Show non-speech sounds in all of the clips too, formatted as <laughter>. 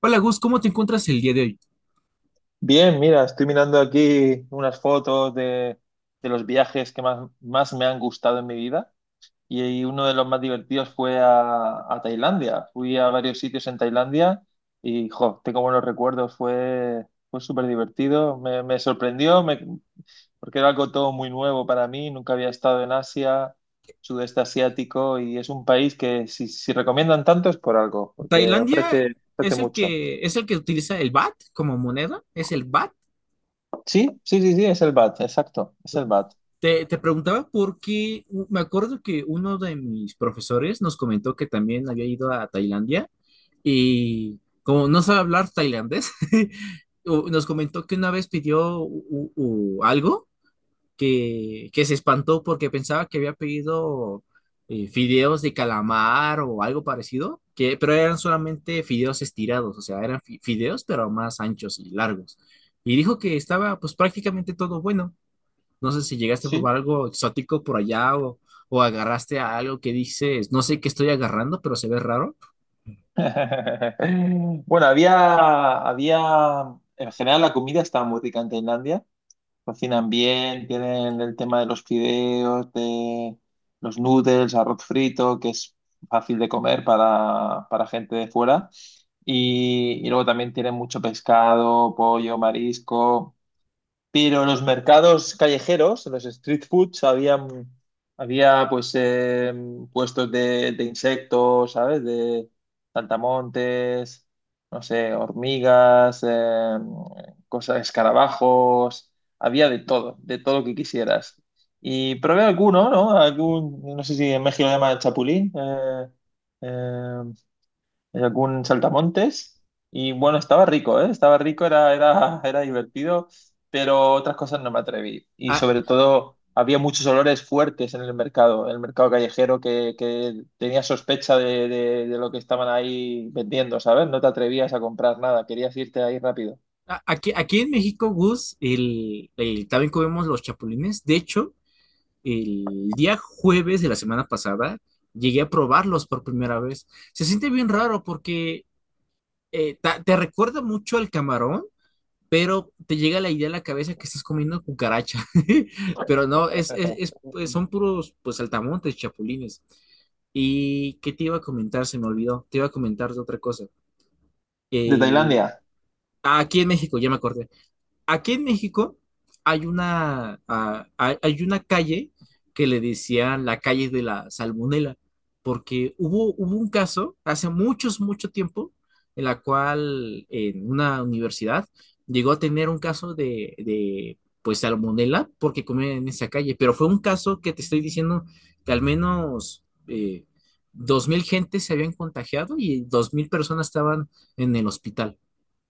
Hola Gus, ¿cómo te encuentras el día de hoy? Bien, mira, estoy mirando aquí unas fotos de los viajes que más me han gustado en mi vida, y uno de los más divertidos fue a Tailandia. Fui a varios sitios en Tailandia y, jo, tengo buenos recuerdos, fue súper divertido, me sorprendió porque era algo todo muy nuevo para mí, nunca había estado en Asia, sudeste asiático, y es un país que si recomiendan tanto es por algo, porque ¿Tailandia ofrece es el mucho. que utiliza el baht como moneda? ¿Es el baht? Sí, sí, sí, sí, es el BAT, exacto, es el BAT. Te preguntaba porque me acuerdo que uno de mis profesores nos comentó que también había ido a Tailandia y como no sabe hablar tailandés, <laughs> nos comentó que una vez pidió algo que se espantó porque pensaba que había pedido fideos de calamar o algo parecido, pero eran solamente fideos estirados, o sea, eran fideos pero más anchos y largos. Y dijo que estaba pues prácticamente todo bueno. No sé si llegaste a Sí, probar algo exótico por allá o agarraste a algo que dices, no sé qué estoy agarrando, pero se ve raro. <laughs> bueno, había en general, la comida está muy rica en Tailandia. Cocinan bien, tienen el tema de los fideos, de los noodles, arroz frito, que es fácil de comer para gente de fuera. Y luego también tienen mucho pescado, pollo, marisco. Pero los mercados callejeros, los street foods, había pues puestos de insectos, ¿sabes? De saltamontes, no sé, hormigas, cosas, escarabajos, había de todo lo que quisieras. Y probé alguno, ¿no? Algún, no sé si en México lo llaman chapulín, eh, hay algún saltamontes. Y bueno, estaba rico, ¿eh? Estaba rico, era divertido, pero otras cosas no me atreví. Y Ah, sobre todo, había muchos olores fuertes en el mercado callejero, que tenía sospecha de lo que estaban ahí vendiendo, ¿sabes? No te atrevías a comprar nada, querías irte ahí rápido. Aquí, aquí en México, Gus, también comemos los chapulines. De hecho, el día jueves de la semana pasada llegué a probarlos por primera vez. Se siente bien raro porque te recuerda mucho al camarón, pero te llega la idea a la cabeza que estás comiendo cucaracha. <laughs> Pero no, <laughs> pues, son puros pues saltamontes, chapulines. ¿Y qué te iba a comentar? Se me olvidó. Te iba a comentar de otra cosa. ¿De El, Tailandia? Aquí en México, ya me acordé. Aquí en México hay una, ah, hay una calle que le decían la calle de la salmonela, porque hubo un caso hace mucho tiempo en la cual en una universidad llegó a tener un caso de pues salmonela porque comían en esa calle, pero fue un caso que te estoy diciendo que al menos 2000 gentes se habían contagiado y 2000 personas estaban en el hospital,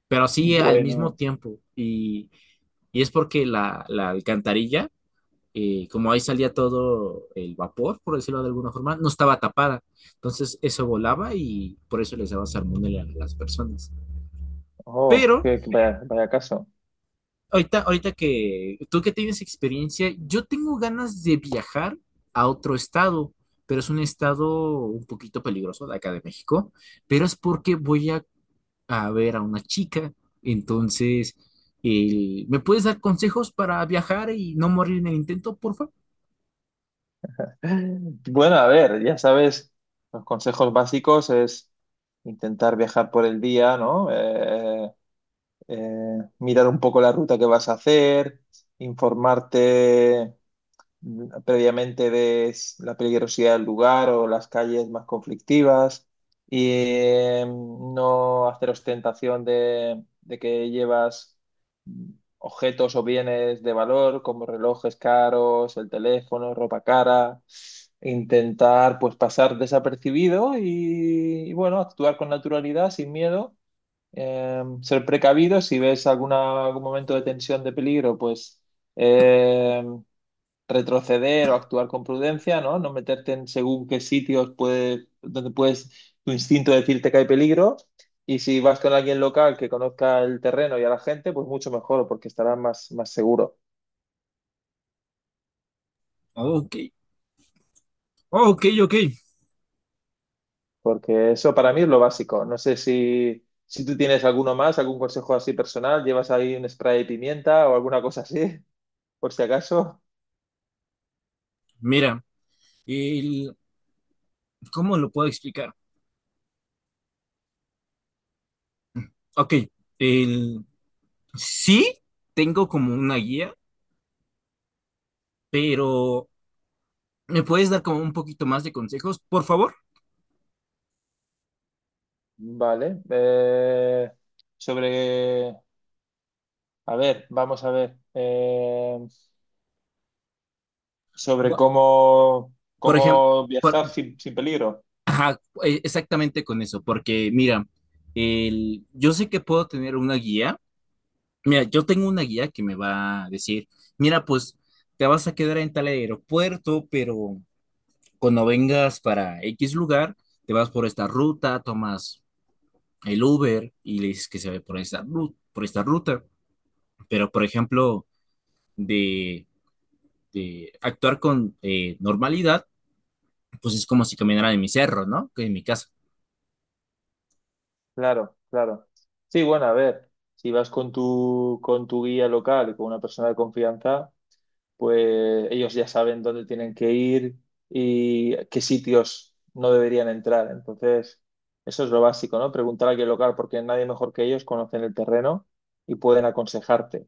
pero así al mismo Bueno, tiempo y es porque la alcantarilla, como ahí salía todo el vapor, por decirlo de alguna forma, no estaba tapada. Entonces eso volaba y por eso les daba salmonela a las personas. oh, Pero vaya, vaya caso. ahorita, ahorita que tú que tienes experiencia, yo tengo ganas de viajar a otro estado, pero es un estado un poquito peligroso de acá de México, pero es porque voy a ver a una chica. Entonces, ¿me puedes dar consejos para viajar y no morir en el intento, por favor? Bueno, a ver, ya sabes, los consejos básicos es intentar viajar por el día, ¿no? Mirar un poco la ruta que vas a hacer, informarte previamente, ves la peligrosidad del lugar o las calles más conflictivas, y no hacer ostentación de que llevas mm, objetos o bienes de valor como relojes caros, el teléfono, ropa cara. Intentar pues pasar desapercibido y bueno, actuar con naturalidad, sin miedo. Ser precavido, si ves alguna, algún momento de tensión, de peligro, pues em, retroceder o actuar con prudencia, ¿no? No meterte en según qué sitios puede, donde puedes, tu instinto decirte que hay peligro. Y si vas con alguien local que conozca el terreno y a la gente, pues mucho mejor, porque estarás más seguro. Ok, ok, ok. Porque eso para mí es lo básico. No sé si tú tienes alguno más, algún consejo así personal, llevas ahí un spray de pimienta o alguna cosa así, <laughs> por si acaso. Mira, el, ¿cómo lo puedo explicar? Ok, el, sí tengo como una guía, pero ¿me puedes dar como un poquito más de consejos, por favor? Vale. Sobre, a ver, vamos a ver. Sobre Bu- cómo, Por ejemplo, cómo viajar sin peligro. ajá, exactamente con eso, porque mira, el, yo sé que puedo tener una guía. Mira, yo tengo una guía que me va a decir, mira, pues te vas a quedar en tal aeropuerto, pero cuando vengas para X lugar, te vas por esta ruta, tomas el Uber y le dices que se ve por por esta ruta. Pero, por ejemplo, de, de actuar con normalidad, pues es como si caminara en mi cerro, ¿no? Que en mi casa. Claro, claro. Sí, bueno, a ver, si vas con con tu guía local y con una persona de confianza, pues ellos ya saben dónde tienen que ir y qué sitios no deberían entrar. Entonces, eso es lo básico, ¿no? Preguntar a alguien local porque nadie mejor que ellos conocen el terreno y pueden aconsejarte.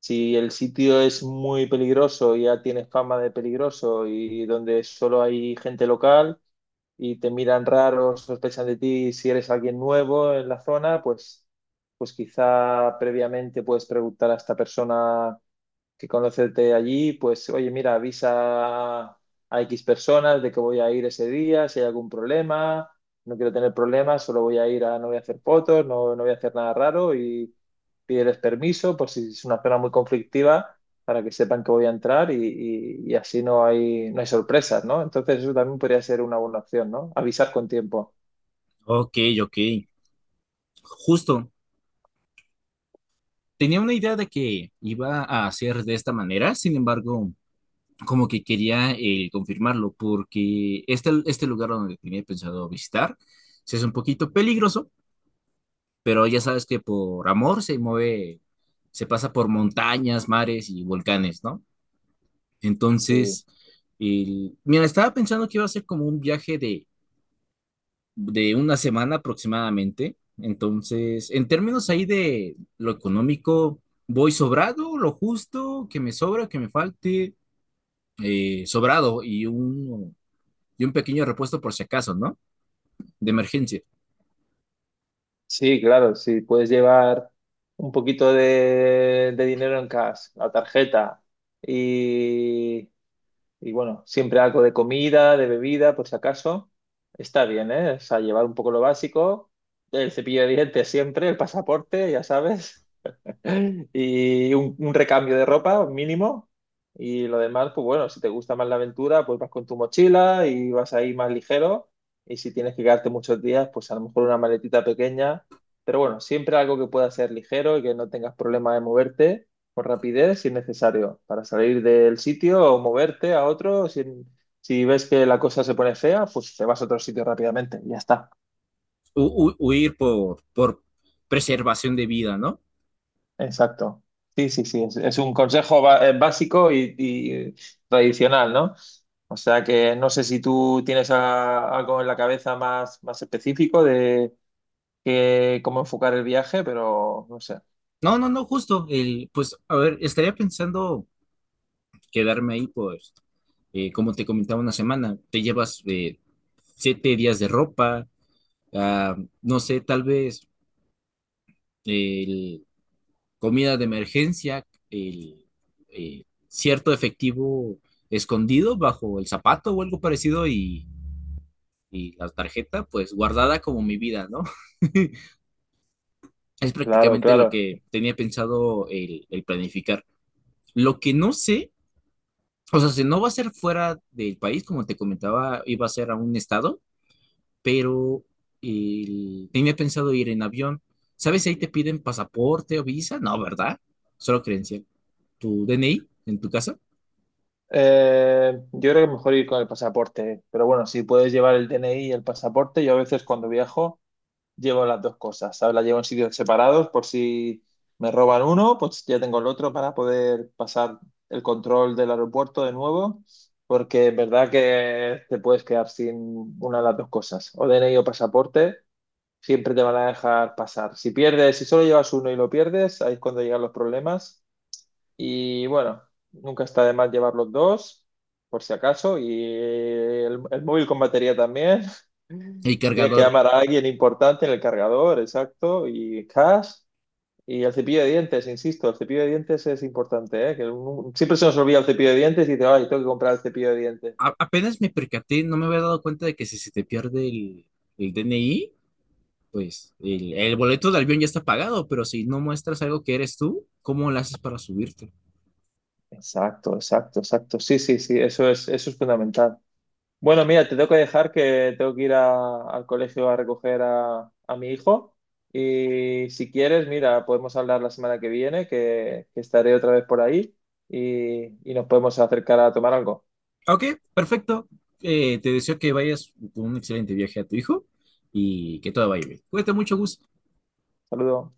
Si el sitio es muy peligroso y ya tiene fama de peligroso y donde solo hay gente local, y te miran raro, sospechan de ti, si eres alguien nuevo en la zona, pues quizá previamente puedes preguntar a esta persona que conocerte allí, pues oye, mira, avisa a X personas de que voy a ir ese día, si hay algún problema, no quiero tener problemas, solo voy a ir a, no voy a hacer fotos, no, no voy a hacer nada raro, y pídeles permiso por si es una zona muy conflictiva para que sepan que voy a entrar y, y así no hay, no hay sorpresas, ¿no? Entonces eso también podría ser una buena opción, ¿no? Avisar con tiempo. Ok, ok. Justo. Tenía una idea de que iba a hacer de esta manera, sin embargo, como que quería confirmarlo, porque este lugar donde tenía pensado visitar, sí es un poquito peligroso, pero ya sabes que por amor se mueve, se pasa por montañas, mares y volcanes, ¿no? Sí. Entonces, mira, estaba pensando que iba a ser como un viaje de una semana aproximadamente. Entonces, en términos ahí de lo económico, voy sobrado, lo justo, que me sobra, que me falte, sobrado y un pequeño repuesto por si acaso, ¿no? De emergencia. Sí, claro, si puedes llevar un poquito de dinero en cash, la tarjeta y, y bueno, siempre algo de comida, de bebida, por si acaso, está bien, ¿eh? O sea, llevar un poco lo básico, el cepillo de dientes siempre, el pasaporte, ya sabes, <laughs> Y un recambio de ropa mínimo. Y lo demás, pues bueno, si te gusta más la aventura, pues vas con tu mochila y vas ahí más ligero. Y si tienes que quedarte muchos días, pues a lo mejor una maletita pequeña. Pero bueno, siempre algo que pueda ser ligero y que no tengas problema de moverte con rapidez si es necesario, para salir del sitio o moverte a otro. Si, si ves que la cosa se pone fea, pues te vas a otro sitio rápidamente y ya está. Huir por preservación de vida, ¿no? Exacto. Sí, sí, sí. Es un consejo básico y tradicional, ¿no? O sea que no sé si tú tienes algo en la cabeza más, más específico de cómo enfocar el viaje, pero no sé. No, no, no, justo. El, pues, a ver, estaría pensando quedarme ahí, pues, como te comentaba una semana, te llevas 7 días de ropa, ah, no sé, tal vez el, comida de emergencia, cierto efectivo escondido bajo el zapato o algo parecido y la tarjeta, pues, guardada como mi vida, ¿no? <laughs> Es Claro, prácticamente lo claro. que tenía pensado el planificar. Lo que no sé. O sea, si no va a ser fuera del país, como te comentaba, iba a ser a un estado, pero tenía pensado ir en avión. ¿Sabes si ahí te piden pasaporte o visa? No, ¿verdad? Solo credencial. Tu DNI en tu casa, Yo creo que mejor ir con el pasaporte, pero bueno, si puedes llevar el DNI y el pasaporte, yo a veces cuando viajo llevo las dos cosas, ¿sabes? Las llevo en sitios separados por si me roban uno, pues ya tengo el otro para poder pasar el control del aeropuerto de nuevo, porque es verdad que te puedes quedar sin una de las dos cosas, o DNI o pasaporte, siempre te van a dejar pasar. Si pierdes, si solo llevas uno y lo pierdes, ahí es cuando llegan los problemas. Y bueno, nunca está de más llevar los dos, por si acaso, y el móvil con batería también, el si tienes que cargador. llamar a alguien importante, en el cargador, exacto, y cash, y el cepillo de dientes, insisto, el cepillo de dientes es importante, ¿eh? Que siempre se nos olvida el cepillo de dientes y dice, ay, tengo que comprar el cepillo de dientes. Apenas me percaté, no me había dado cuenta de que si se te pierde el DNI, pues el boleto de avión ya está pagado, pero si no muestras algo que eres tú, ¿cómo lo haces para subirte? Exacto, exacto, exacto. Sí, sí, sí, eso es fundamental. Bueno, mira, te tengo que dejar, que tengo que ir al colegio a recoger a mi hijo. Y si quieres, mira, podemos hablar la semana que viene, que estaré otra vez por ahí y nos podemos acercar a tomar algo. Ok, perfecto. Te deseo que vayas con un excelente viaje a tu hijo y que todo vaya bien. Cuídate mucho, Gus. Saludos.